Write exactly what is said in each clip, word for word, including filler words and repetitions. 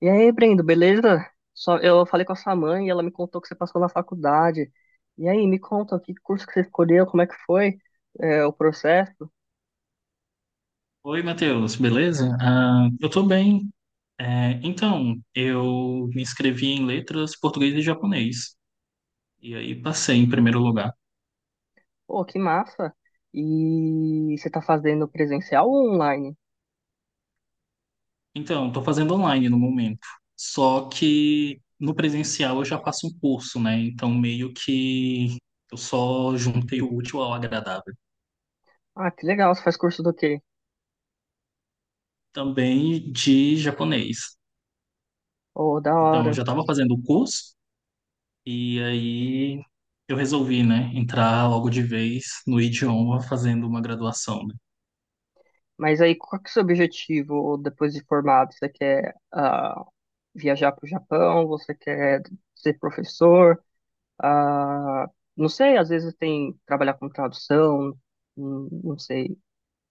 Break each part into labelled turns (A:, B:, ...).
A: E aí, Brendo, beleza? Só, eu falei com a sua mãe e ela me contou que você passou na faculdade. E aí, me conta, que curso que você escolheu, como é que foi, é, o processo?
B: Oi, Matheus, beleza? Ah, eu tô bem. É, então, eu me inscrevi em letras português e japonês. E aí passei em primeiro lugar.
A: Pô, que massa! E você tá fazendo presencial ou online?
B: Então, tô fazendo online no momento. Só que no presencial eu já faço um curso, né? Então, meio que eu só juntei o útil ao agradável.
A: Ah, que legal, você faz curso do quê?
B: Também de japonês.
A: Oh, da
B: Então, eu
A: hora.
B: já tava fazendo o curso e aí eu resolvi, né, entrar logo de vez no idioma fazendo uma graduação, né?
A: Mas aí, qual que é o seu objetivo depois de formado? Você quer ah, viajar pro Japão? Você quer ser professor? Ah, não sei, às vezes tem trabalhar com tradução, hum, não sei.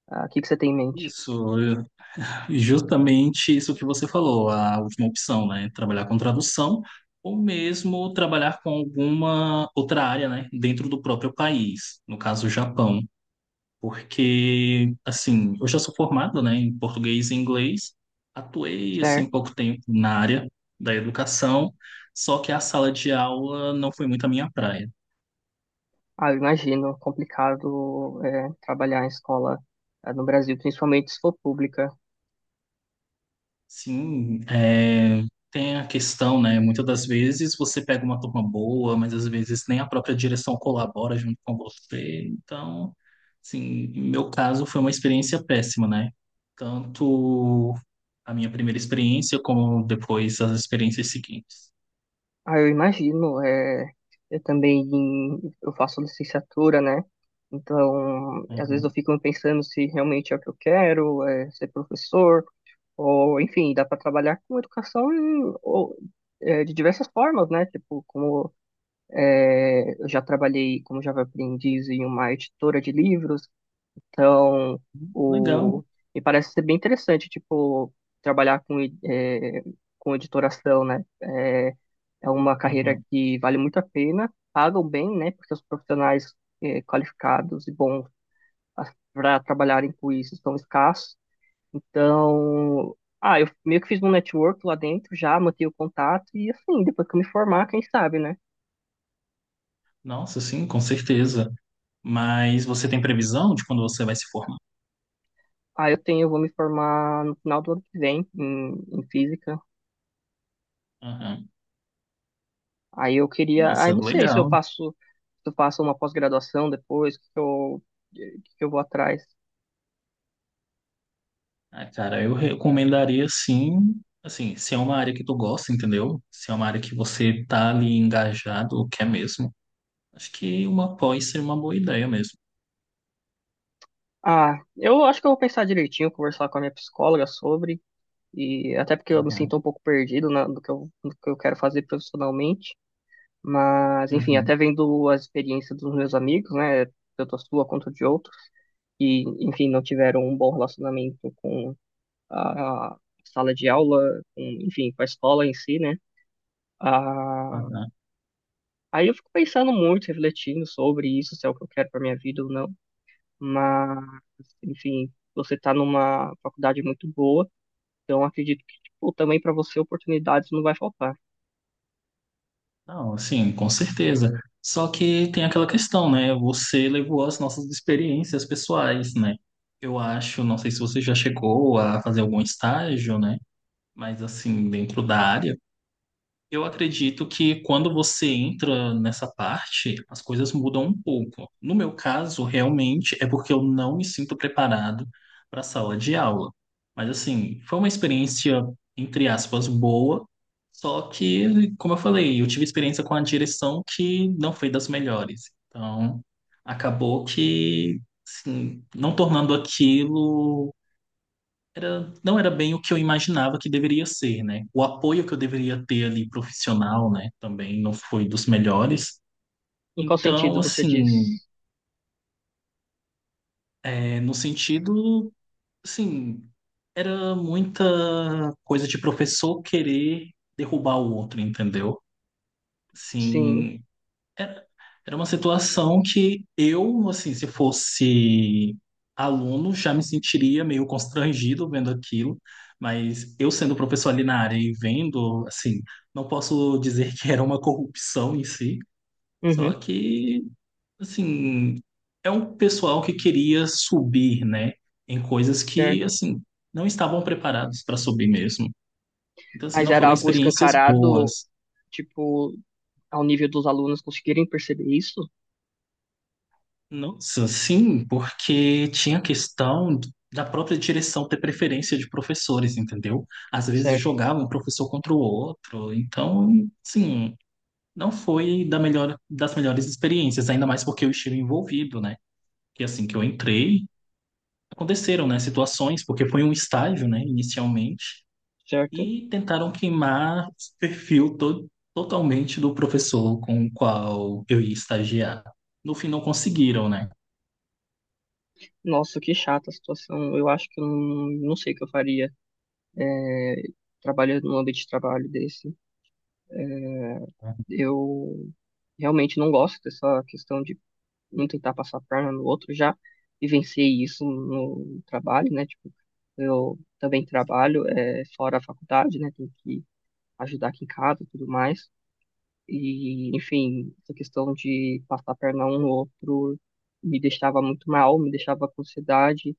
A: Ah, o que que você tem em mente?
B: Isso, eu- justamente isso que você falou, a última opção, né? Trabalhar com tradução ou mesmo trabalhar com alguma outra área, né? Dentro do próprio país, no caso, o Japão. Porque, assim, eu já sou formado, né, em português e inglês, atuei, assim,
A: Certo.
B: pouco tempo na área da educação, só que a sala de aula não foi muito a minha praia.
A: Ah, eu imagino, complicado é, trabalhar em escola ah, no Brasil, principalmente se for pública.
B: Sim, é, tem a questão, né? Muitas das vezes você pega uma turma boa, mas às vezes nem a própria direção colabora junto com você. Então, assim, no meu caso foi uma experiência péssima, né? Tanto a minha primeira experiência como depois as experiências seguintes.
A: Ah, eu imagino, é, eu também eu faço licenciatura, né? Então, às vezes
B: Uhum.
A: eu fico pensando se realmente é o que eu quero, é, ser professor, ou enfim, dá para trabalhar com educação em- ou, é, de diversas formas, né? Tipo, como é, eu já trabalhei como Java Aprendiz em uma editora de livros. Então,
B: Legal.
A: o... me parece ser bem interessante, tipo, trabalhar com, e- eh, com editoração, né? É, é uma carreira
B: Uhum.
A: que vale muito a pena, pagam bem, né? Porque os profissionais, eh, qualificados e bons para trabalharem com isso são escassos. Então, ah, eu meio que fiz um network lá dentro já, mantive o contato e assim, depois que eu me formar, quem sabe, né?
B: Nossa, sim, com certeza. Mas você tem previsão de quando você vai se formar?
A: Ah, eu tenho, eu vou me formar no final do ano que vem em, em física.
B: Uhum.
A: Aí eu queria, aí
B: Nossa,
A: não sei se eu
B: legal.
A: passo, se eu passo uma pós-graduação depois, que eu, que eu vou atrás.
B: Ah, cara, eu recomendaria sim, assim, se é uma área que tu gosta, entendeu? Se é uma área que você tá ali engajado, ou quer mesmo, acho que uma pós seria uma boa ideia mesmo.
A: Ah, eu acho que eu vou pensar direitinho, conversar com a minha psicóloga sobre, e até porque eu me
B: Aham,
A: sinto um pouco perdido na, do que eu, do que eu quero fazer profissionalmente, mas enfim,
B: uhum,
A: até vendo as experiências dos meus amigos, né, tanto a sua quanto de outros, que enfim, não tiveram um bom relacionamento com a, a sala de aula, com, enfim, com a escola em si, né? Ah,
B: aham.
A: Aí eu fico pensando muito, refletindo sobre isso, se é o que eu quero para minha vida ou não. Mas, enfim, você tá numa faculdade muito boa, então acredito que, tipo, também para você oportunidades não vai faltar.
B: Não, assim, com certeza. Só que tem aquela questão, né? Você levou as nossas experiências pessoais, né? Eu acho, não sei se você já chegou a fazer algum estágio, né? Mas assim, dentro da área. Eu acredito que quando você entra nessa parte, as coisas mudam um pouco. No meu caso, realmente é porque eu não me sinto preparado para a sala de aula. Mas assim, foi uma experiência, entre aspas, boa. Só que, como eu falei, eu tive experiência com a direção que não foi das melhores. Então, acabou que, assim, não tornando aquilo era, não era bem o que eu imaginava que deveria ser, né? O apoio que eu deveria ter ali profissional, né? Também não foi dos melhores.
A: Em qual
B: Então,
A: sentido você diz?
B: assim, é, no sentido, assim, era muita coisa de professor querer derrubar o outro, entendeu?
A: Sim,
B: Assim, era, era uma situação que eu, assim, se fosse aluno, já me sentiria meio constrangido vendo aquilo, mas eu sendo professor ali na área e vendo, assim, não posso dizer que era uma corrupção em si, só
A: uhum,
B: que, assim, é um pessoal que queria subir, né, em coisas
A: certo.
B: que, assim, não estavam preparados para subir mesmo. Então, assim,
A: Mas
B: não
A: era
B: foram
A: algo
B: experiências
A: escancarado,
B: boas.
A: tipo, ao nível dos alunos conseguirem perceber isso?
B: Nossa, sim, porque tinha a questão da própria direção ter preferência de professores, entendeu? Às vezes
A: Certo,
B: jogava um professor contra o outro, então, sim, não foi da melhor, das melhores experiências, ainda mais porque eu estive envolvido, né? E assim que eu entrei, aconteceram, né, situações, porque foi um estágio, né, inicialmente,
A: certo.
B: e tentaram queimar o perfil to totalmente do professor com o qual eu ia estagiar. No fim, não conseguiram, né?
A: Nossa, que chata a situação. Eu acho que eu não, não sei o que eu faria trabalhando num ambiente de trabalho desse. Eu realmente não gosto dessa questão de um tentar passar a perna no outro. Já vivenciei isso no trabalho, né? Tipo, eu também trabalho é, fora da faculdade, né? Tenho que ajudar aqui em casa e tudo mais. E, enfim, essa questão de passar a perna um no outro me deixava muito mal, me deixava com ansiedade.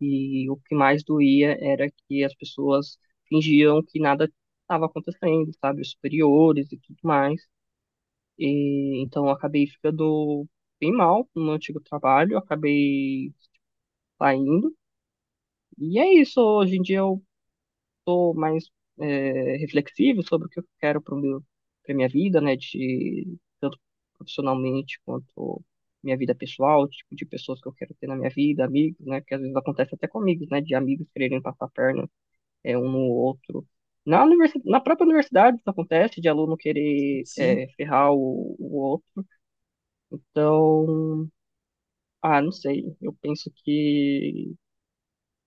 A: E o que mais doía era que as pessoas fingiam que nada estava acontecendo, sabe? Os superiores e tudo mais. E então eu acabei ficando bem mal no meu antigo trabalho, acabei saindo. E é isso, hoje em dia eu tô mais é, reflexivo sobre o que eu quero para para minha vida, né, de tanto profissionalmente quanto minha vida pessoal, o tipo de pessoas que eu quero ter na minha vida, amigos, né, que às vezes acontece até comigo, né, de amigos quererem passar a perna é, um no outro. Na universi- na própria universidade isso acontece, de aluno querer
B: Sim.
A: é, ferrar o, o outro. Então, ah, não sei. Eu penso que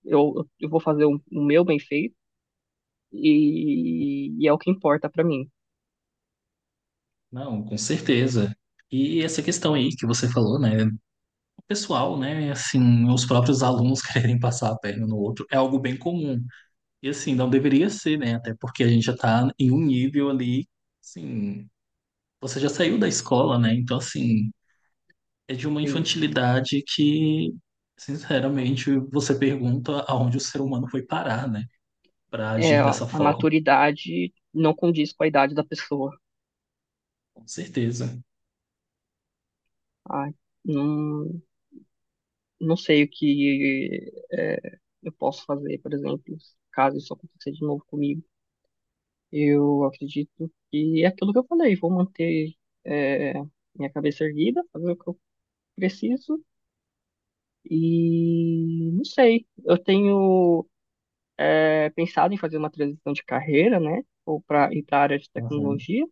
A: eu, eu vou fazer o, o meu bem feito e, e é o que importa pra mim.
B: Não, com certeza. E essa questão aí que você falou, né? O pessoal, né? Assim, os próprios alunos quererem passar a perna no outro é algo bem comum. E assim, não deveria ser, né? Até porque a gente já tá em um nível ali, assim, você já saiu da escola, né? Então, assim, é de uma
A: Sim.
B: infantilidade que, sinceramente, você pergunta aonde o ser humano foi parar, né? Para
A: É,
B: agir
A: a
B: dessa forma.
A: maturidade não condiz com a idade da pessoa.
B: Com certeza.
A: Ai, não, não sei o que é, eu posso fazer, por exemplo, caso isso aconteça de novo comigo. Eu acredito que é aquilo que eu falei. Vou manter é, minha cabeça erguida, fazer o que eu preciso e não sei. Eu tenho é, pensado em fazer uma transição de carreira, né? Ou para ir para a área de
B: Uhum.
A: tecnologia.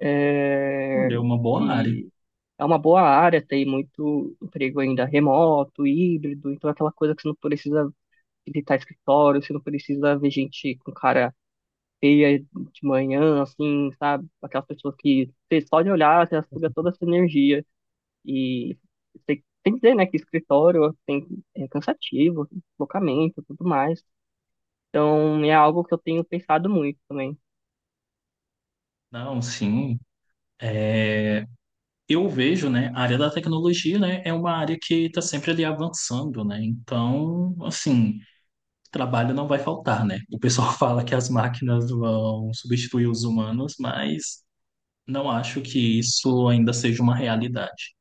A: É,
B: Olha, é uma boa área.
A: e é uma boa área, tem muito emprego ainda remoto, híbrido, então é aquela coisa que você não precisa visitar escritório, você não precisa ver gente com cara feia de manhã, assim, sabe? Aquelas pessoas que você só de olhar, você suga toda a sua energia. E você tem que dizer, né, que escritório tem, é cansativo, deslocamento, tudo mais. Então, é algo que eu tenho pensado muito também.
B: Não, sim, é, eu vejo, né, a área da tecnologia, né, é uma área que está sempre ali avançando, né? Então, assim, trabalho não vai faltar, né? O pessoal fala que as máquinas vão substituir os humanos, mas não acho que isso ainda seja uma realidade.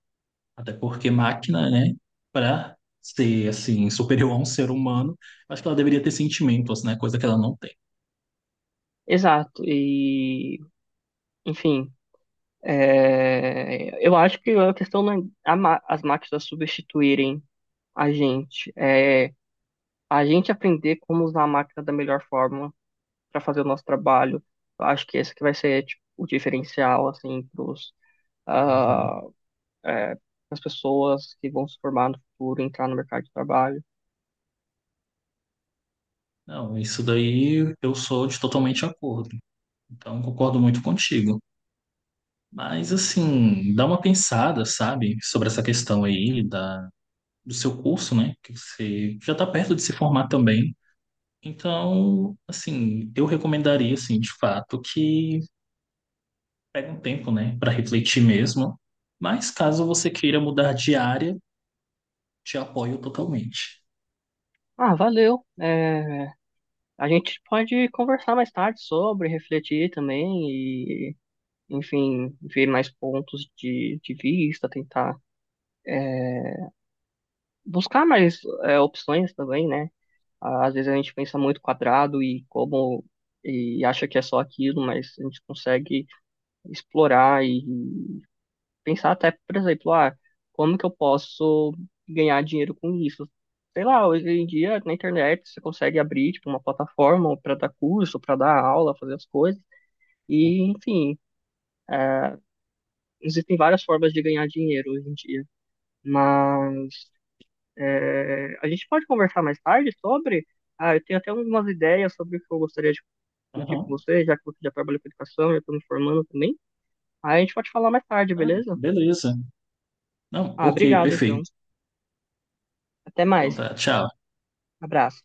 B: Até porque máquina, né, para ser, assim, superior a um ser humano, acho que ela deveria ter sentimentos, né? Coisa que ela não tem.
A: Exato. E, enfim, é, eu acho que a questão não é a ma- as máquinas substituírem a gente. É a gente aprender como usar a máquina da melhor forma para fazer o nosso trabalho. Eu acho que esse que vai ser, tipo, o diferencial, assim, pros,
B: Uhum.
A: ah, é, as pessoas que vão se formar no futuro, entrar no mercado de trabalho.
B: Não, isso daí eu sou de totalmente acordo. Então, concordo muito contigo. Mas assim, dá uma pensada, sabe, sobre essa questão aí da, do seu curso, né? Que você já está perto de se formar também. Então, assim, eu recomendaria, assim, de fato, que pegue um tempo, né, para refletir mesmo. Mas caso você queira mudar de área, te apoio totalmente.
A: Ah, valeu. É, a gente pode conversar mais tarde sobre, refletir também e, enfim, ver mais pontos de, de vista, tentar é, buscar mais é, opções também, né? Às vezes a gente pensa muito quadrado e como e acha que é só aquilo, mas a gente consegue explorar e pensar até, por exemplo, ah, como que eu posso ganhar dinheiro com isso? Sei lá, hoje em dia na internet você consegue abrir tipo, uma plataforma para dar curso, para dar aula, fazer as coisas. E, enfim, existem várias formas de ganhar dinheiro hoje em dia. Mas é, a gente pode conversar mais tarde sobre. Ah, eu tenho até algumas ideias sobre o que eu gostaria de discutir com
B: Aham.
A: você, já que você já trabalha com educação, já estou me formando também. Aí a gente pode falar mais tarde,
B: Ah,
A: beleza?
B: beleza. Não,
A: Ah,
B: ok,
A: obrigado então.
B: perfeito.
A: Até
B: Então
A: mais.
B: tá, tchau.
A: Abraço.